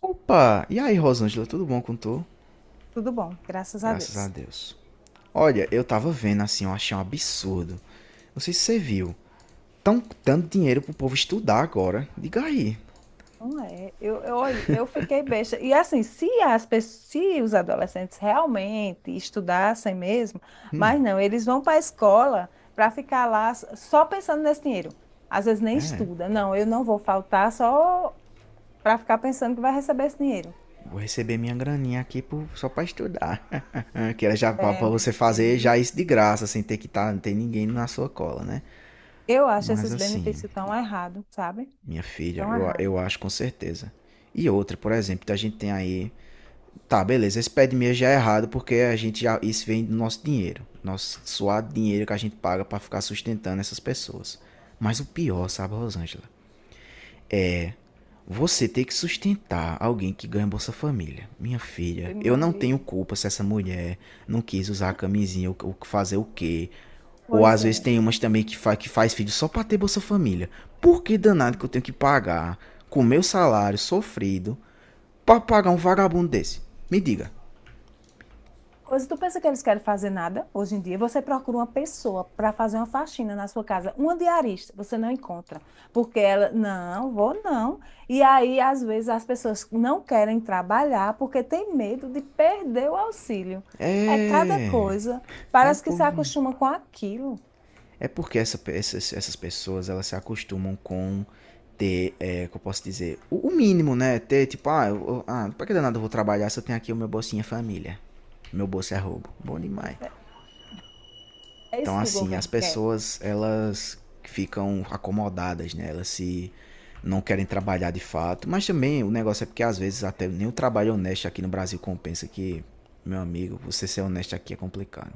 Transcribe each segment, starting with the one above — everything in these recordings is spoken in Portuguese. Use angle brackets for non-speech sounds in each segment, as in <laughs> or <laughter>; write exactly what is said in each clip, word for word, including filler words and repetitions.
Opa! E aí, Rosângela, tudo bom com tu? Tudo bom, graças a Graças a Deus. Deus. Olha, eu tava vendo assim, eu achei um absurdo. Não sei se você viu. Tão dando dinheiro pro povo estudar agora. Diga aí. Não é, eu, eu, olhe, eu fiquei besta. E assim, se as pessoas, se os adolescentes realmente estudassem mesmo, mas não, eles vão para a escola para ficar lá s- só pensando nesse dinheiro. Às vezes nem É, estuda. Não, eu não vou faltar só para ficar pensando que vai receber esse dinheiro. vou receber minha graninha aqui pro- só pra estudar. <laughs> Que era já pra, É, pra meu você fazer Deus. já Do isso de graça, sem ter que tá, não ter ninguém na sua cola, né? Eu acho Mas esses assim, benefícios tão errado, sabe? minha filha, Tão eu, a- errado. eu acho com certeza. E outra, por exemplo, a gente tem aí. Tá, beleza. Esse pé de meia já é errado, porque a gente já. Isso vem do nosso dinheiro. Nosso suado dinheiro que a gente paga pra ficar sustentando essas pessoas. Mas o pior, sabe, Rosângela? Você ter que sustentar alguém que ganha Bolsa Família. Minha filha, Ave eu não tenho Maria. culpa se essa mulher não quis usar a camisinha ou fazer o quê. Ou Pois às vezes é. tem umas também que, fa que faz filho só pra ter Bolsa Família. Por que danado que eu tenho que pagar com o meu salário sofrido pra pagar um vagabundo desse? Me diga. Coisa, tu pensa que eles querem fazer nada hoje em dia? Você procura uma pessoa para fazer uma faxina na sua casa, uma diarista, você não encontra, porque ela, não, vou não. E aí, às vezes, as pessoas não querem trabalhar porque tem medo de perder o auxílio. É cada É. coisa, É, parece que se povo. acostuma com aquilo. É porque essa, essas, essas pessoas elas se acostumam com ter, é, que eu posso dizer, o, o mínimo, né? Ter tipo, ah, eu, ah, pra que danado eu vou trabalhar se eu tenho aqui o meu bolsinha família? Meu bolso é roubo. Bom demais. Pois é, é Então, isso que o assim, as governo quer. pessoas elas ficam acomodadas, né? Elas se. Não querem trabalhar de fato, mas também o negócio é porque às vezes até nem o trabalho honesto aqui no Brasil compensa que, meu amigo, você ser honesto aqui é complicado.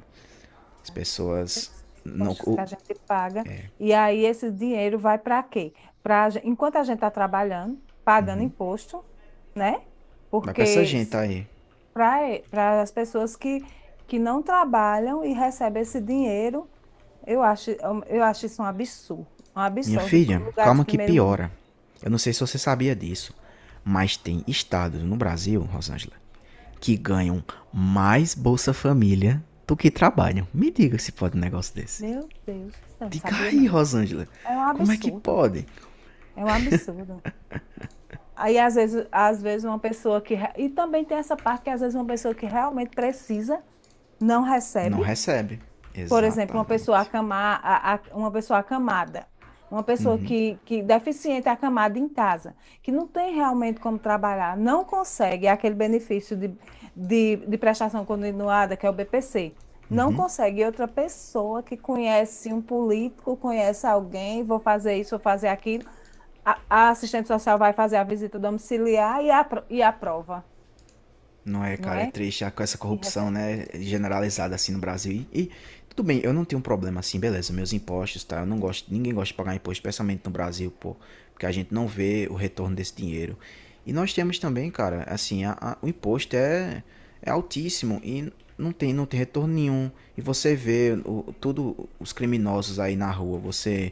As pessoas Esses não, impostos que a o- gente paga, e aí esse dinheiro vai para quê? Pra, gen- enquanto a gente está trabalhando, pagando imposto, vai pra essa porque gente aí. para as pessoas que, que não trabalham e recebem esse dinheiro, eu acho, eu acho isso um absurdo. Um Minha absurdo. filha, Lugares de calma que primeiro mundo. piora. Eu não sei se você sabia disso, mas tem estados no Brasil, Rosângela, que ganham mais Bolsa Família do que trabalham. Me diga se pode um negócio desse. Meu Deus, eu não Diga sabia aí, não. Rosângela, É um como é que absurdo. pode? É um absurdo. Aí, às vezes, às vezes, uma pessoa que. re- E também tem essa parte que, às vezes, uma pessoa que realmente precisa não Não recebe. recebe. Por exemplo, uma pessoa Exatamente. acamar, a- a- uma pessoa acamada, uma pessoa que, que deficiente acamada em casa, que não tem realmente como trabalhar, não consegue é aquele benefício de, de, de prestação continuada, que é o B P C. Não consegue. E outra pessoa que conhece um político, conhece alguém, vou fazer isso, vou fazer aquilo. A, a assistente social vai fazer a visita domiciliar e, apro e aprova, Não é, não cara, é é? triste com essa E corrupção, recebe. né, generalizada assim no Brasil. E, e tudo bem, eu não tenho um problema assim, beleza, meus impostos, tá? Eu não gosto, ninguém gosta de pagar imposto, especialmente no Brasil, pô, porque a gente não vê o retorno desse dinheiro. E nós temos também, cara, assim, a, a, o imposto é, é altíssimo e não tem, não tem retorno nenhum. E você vê o, tudo os criminosos aí na rua, você,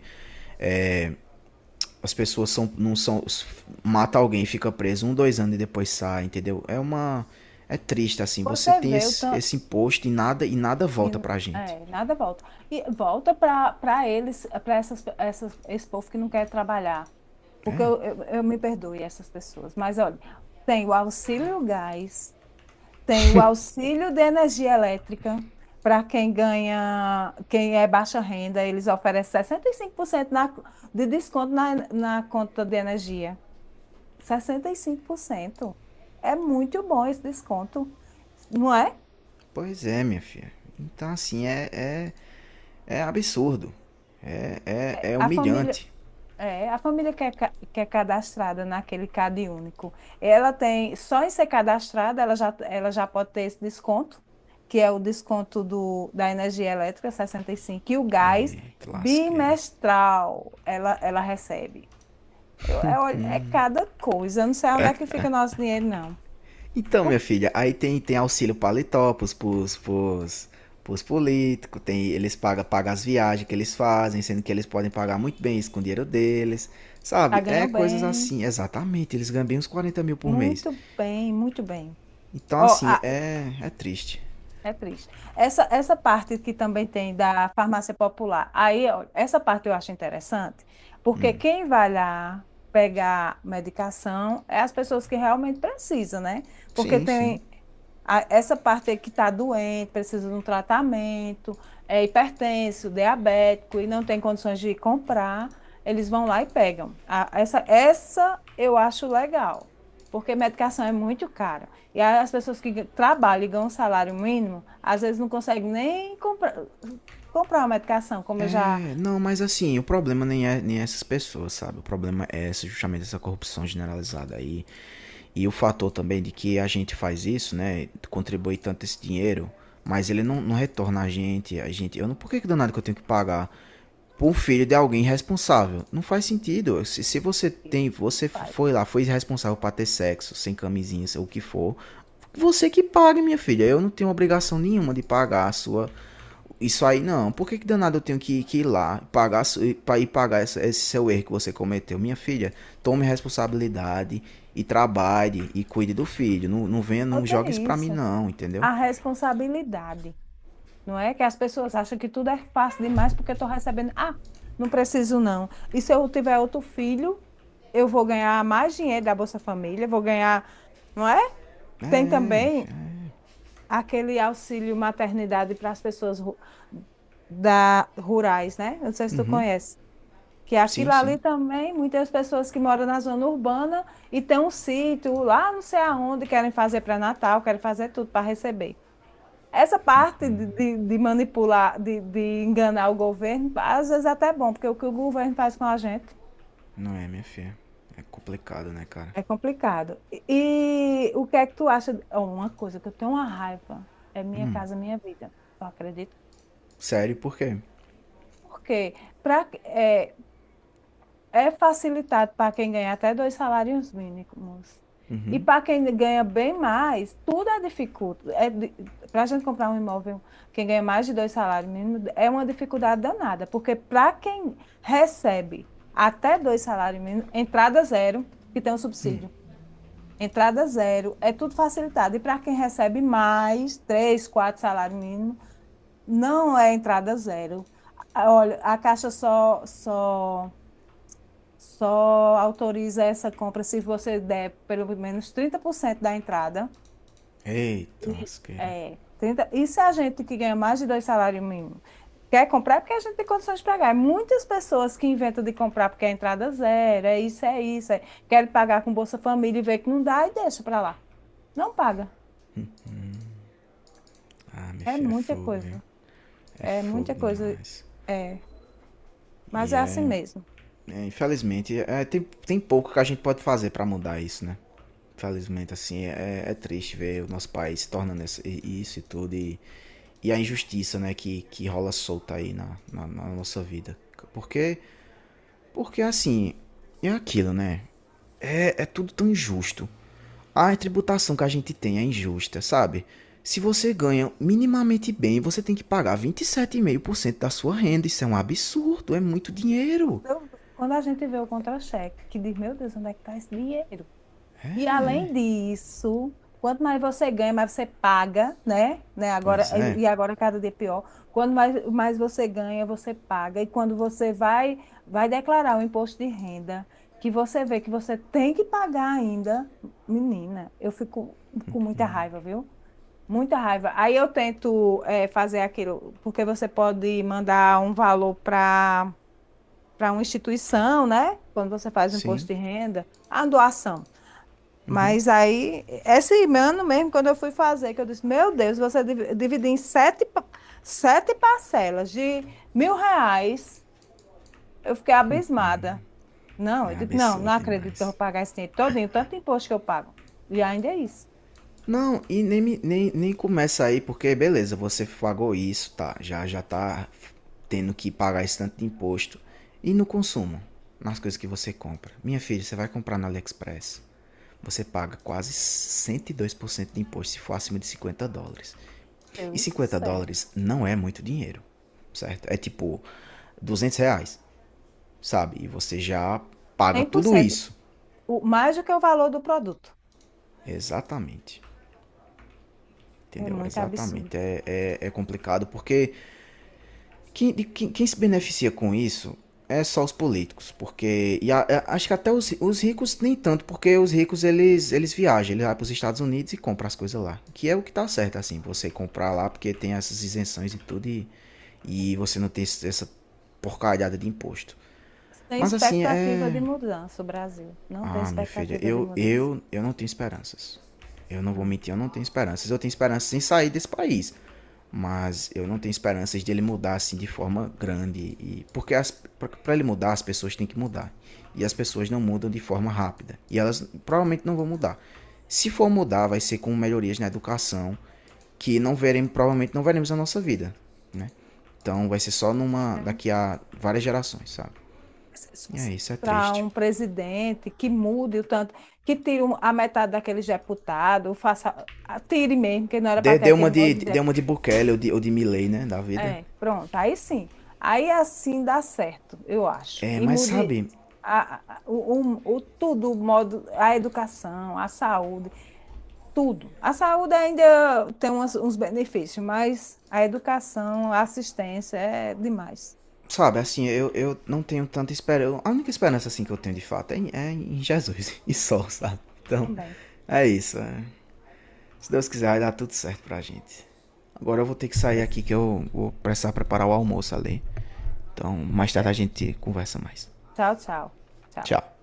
as pessoas são, não são. Mata alguém, fica preso um, dois anos e depois sai, entendeu? É uma. É triste, assim. Você Você tem vê o esse, tanto. esse imposto e nada, e nada volta E, pra gente. é, nada volta. E volta para eles, para essas, essas, esse povo que não quer trabalhar. Porque É, eu, eu, eu me perdoe essas pessoas. Mas olha, tem o auxílio gás, tem o auxílio de energia elétrica. Para quem ganha, quem é baixa renda, eles oferecem sessenta e cinco por cento na, de desconto na, na conta de energia. sessenta e cinco por cento. É muito bom esse desconto, não é? pois é, minha filha. Então, assim, é, é, é absurdo. É, é, é A família, humilhante. É, a família que é, ca- que é cadastrada naquele Cade Único, ela tem, só em ser cadastrada, ela já, ela já pode ter esse desconto, que é o desconto do, da energia elétrica sessenta e cinco, e cinco, e o gás Eita lasqueira. bimestral ela, ela recebe. Eu, é, olha, é cada coisa, eu não sei onde é que fica nosso dinheiro, não. Então, minha O- filha, aí tem, tem auxílio paletó pros, pros, pros, pros políticos, tem, eles pagam, pagam as viagens que eles fazem, sendo que eles podem pagar muito bem isso com o dinheiro deles, sabe? Já É ganham coisas bem, assim, exatamente, eles ganham bem uns quarenta mil por mês. muito bem, muito bem. Então, Ó, assim, a- é, é triste. É triste. Essa, essa parte que também tem da farmácia popular, aí, ó, essa parte eu acho interessante, porque quem vai lá pegar medicação é as pessoas que realmente precisam, né? Porque Sim, sim. tem, a- essa parte aí que está doente, precisa de um tratamento, é hipertenso, diabético e não tem condições de comprar, eles vão lá e pegam. A- essa, essa eu acho legal, porque medicação é muito cara. E aí as pessoas que gan- trabalham e ganham um salário mínimo, às vezes não conseguem nem comprar, comprar uma medicação, como eu já É, não, mas assim, o problema nem é nem é essas pessoas, sabe? O problema é esse justamente essa corrupção generalizada aí. E o fator também de que a gente faz isso, né? Contribui tanto esse dinheiro, mas ele não, não retorna a gente. A gente. Eu não. Por que, que danado que eu tenho que pagar? Por um filho de alguém irresponsável. Não faz sentido. Se, se você tem. Você foi faz. lá, foi irresponsável para ter sexo, sem camisinha, sei o que for. Você que pague, minha filha. Eu não tenho obrigação nenhuma de pagar a sua isso aí não. Por que, que danado eu tenho que, que ir lá pagar, su- ir pagar essa- esse seu erro que você cometeu? Minha filha, tome responsabilidade e trabalhe e cuide do filho. Não, não venha, não Falta jogue isso pra mim, isso, não, entendeu? a responsabilidade. Não é que as pessoas acham que tudo é fácil demais porque estou recebendo. Ah, não preciso não. E se eu tiver outro filho, eu vou ganhar mais dinheiro da Bolsa Família, vou ganhar, não é? É, Tem é, minha também filha. É. aquele auxílio maternidade para as pessoas ru- da rurais, né? Não sei se tu conhece. Que Sim, aquilo sim. ali também, muitas pessoas que moram na zona urbana e têm um sítio lá, não sei aonde, querem fazer pré-natal, querem fazer tudo para receber. Essa parte de, de- de manipular, de, de enganar o governo, às vezes até é bom, porque o que o governo faz com a gente Não é, minha filha. É complicado, né, cara? é complicado. E, e o que é que tu acha? de- Oh, Uma coisa que eu tenho uma raiva é minha casa, minha vida. Tu acredita? Sério, por quê? Por quê? Pra, é, É facilitado para quem ganha até dois salários mínimos. E Uhum. para quem ganha bem mais, tudo é dificulto. É, para a gente comprar um imóvel, quem ganha mais de dois salários mínimos, é uma dificuldade danada, porque para quem recebe até dois salários mínimos, entrada zero, que tem o subsídio, entrada zero, é tudo facilitado. E para quem recebe mais, três, quatro salários mínimos, não é entrada zero. Olha, a Caixa só, só só autoriza essa compra se você der pelo menos trinta por cento da entrada. Eita, lasqueira. É, trinta... Isso é a gente que ganha mais de dois salários mínimos. Quer comprar é porque a gente tem condições de pagar. Muitas pessoas que inventam de comprar porque a entrada é zero, é isso, é isso. É... Querem pagar com Bolsa Família e vê que não dá e deixa para lá. Não paga. Ah, minha É filha, é muita fogo, viu? coisa. É É fogo muita coisa. demais. É. Mas E é assim é. mesmo. é, infelizmente, é, tem, tem pouco que a gente pode fazer pra mudar isso, né? Infelizmente, assim, é, é é triste ver o nosso país se tornando esse- isso e tudo. E, e a injustiça, né, que, que rola solta aí na, na, na nossa vida. Porque, porque assim, é aquilo, né? É, é tudo tão injusto. A tributação que a gente tem é injusta, sabe? Se você ganha minimamente bem, você tem que pagar vinte e sete vírgula cinco por cento da sua renda. Isso é um absurdo, é muito dinheiro. Eu- Quando a gente vê o contra-cheque, que diz, meu Deus, onde é que está esse dinheiro? E além disso, quanto mais você ganha, mais você paga, né? Né? Agora, Pois é, e agora cada dia é pior. Quanto mais, mais você ganha, você paga. E quando você vai, vai declarar o imposto de renda, que você vê que você tem que pagar ainda, menina, eu fico com muita raiva, viu? Muita raiva. Aí eu tento eh, fazer aquilo, porque você pode mandar um valor para para uma instituição, né? Quando você faz o imposto sim. de renda, a doação. Mas aí, esse ano mesmo, quando eu fui fazer, que eu disse, meu Deus, você div- dividir em sete, pa- sete parcelas de mil reais, eu fiquei abismada. Não, É eu digo, não, absurdo não acredito que eu vou demais. pagar esse dinheiro todinho, tanto imposto que eu pago. E ainda é isso. Não, e nem, me- nem, nem começa aí, porque beleza, você pagou isso, tá? Já já tá tendo que pagar esse tanto de imposto. E no consumo, nas coisas que você compra. Minha filha, você vai comprar no AliExpress. Você paga quase cento e dois por cento de imposto se for acima de cinquenta dólares. E Deus do cinquenta céu. dólares não é muito dinheiro, certo? É tipo duzentos reais, sabe? E você já paga cem por tudo cento isso. o, mais do que o valor do produto. Exatamente. É Entendeu? muito absurdo. Exatamente. É, é, é complicado porque Quem, de- quem- quem se beneficia com isso é só os políticos, porque e a- a- acho que até os, os ricos nem tanto, porque os ricos eles eles viajam, eles vão para os Estados Unidos e compram as coisas lá, que é o que tá certo assim, você comprar lá porque tem essas isenções e tudo e, e você não tem esse- essa porcalhada de imposto. Sem Mas assim expectativa é, de mudança, o Brasil. Não tem ah, minha filha, expectativa de eu mudança. eu eu não tenho esperanças. Eu não vou mentir, eu não tenho esperanças. Eu tenho esperanças em sair desse país, mas eu não tenho esperanças de ele mudar assim de forma grande. E porque para ele mudar as pessoas têm que mudar, e as pessoas não mudam de forma rápida, e elas provavelmente não vão mudar. Se for mudar vai ser com melhorias na educação que não veremos, provavelmente não veremos na nossa vida, né? Então vai ser só numa, Não. daqui a várias gerações, sabe. É só E é se isso, é entrar triste. um presidente que mude o tanto, que tire um- a metade daqueles deputados, faça, a- tire mesmo, que não era para ter deu uma aquele de monte de deu uma deputado. de Bukele ou de, ou de Milley, né, da vida. É, pronto, aí sim. Aí assim dá certo, eu acho. É, E mas mude sabe. a, a- a- o, o, o tudo, o modo, a educação, a saúde, tudo. A saúde ainda tem umas- uns benefícios, mas a educação, a assistência é demais Sabe, assim, eu, eu não tenho tanta esperança. A única esperança, assim, que eu tenho de fato é em, é em Jesus <laughs> e só, sabe? Então, também. é isso. É. Se Deus quiser, vai dar tudo certo pra gente. Agora eu vou ter que sair aqui Mas que eu vou precisar preparar o almoço ali. Então, Dá mais tarde a certo. gente conversa mais. Tchau, tchau. Tchau. Tchau.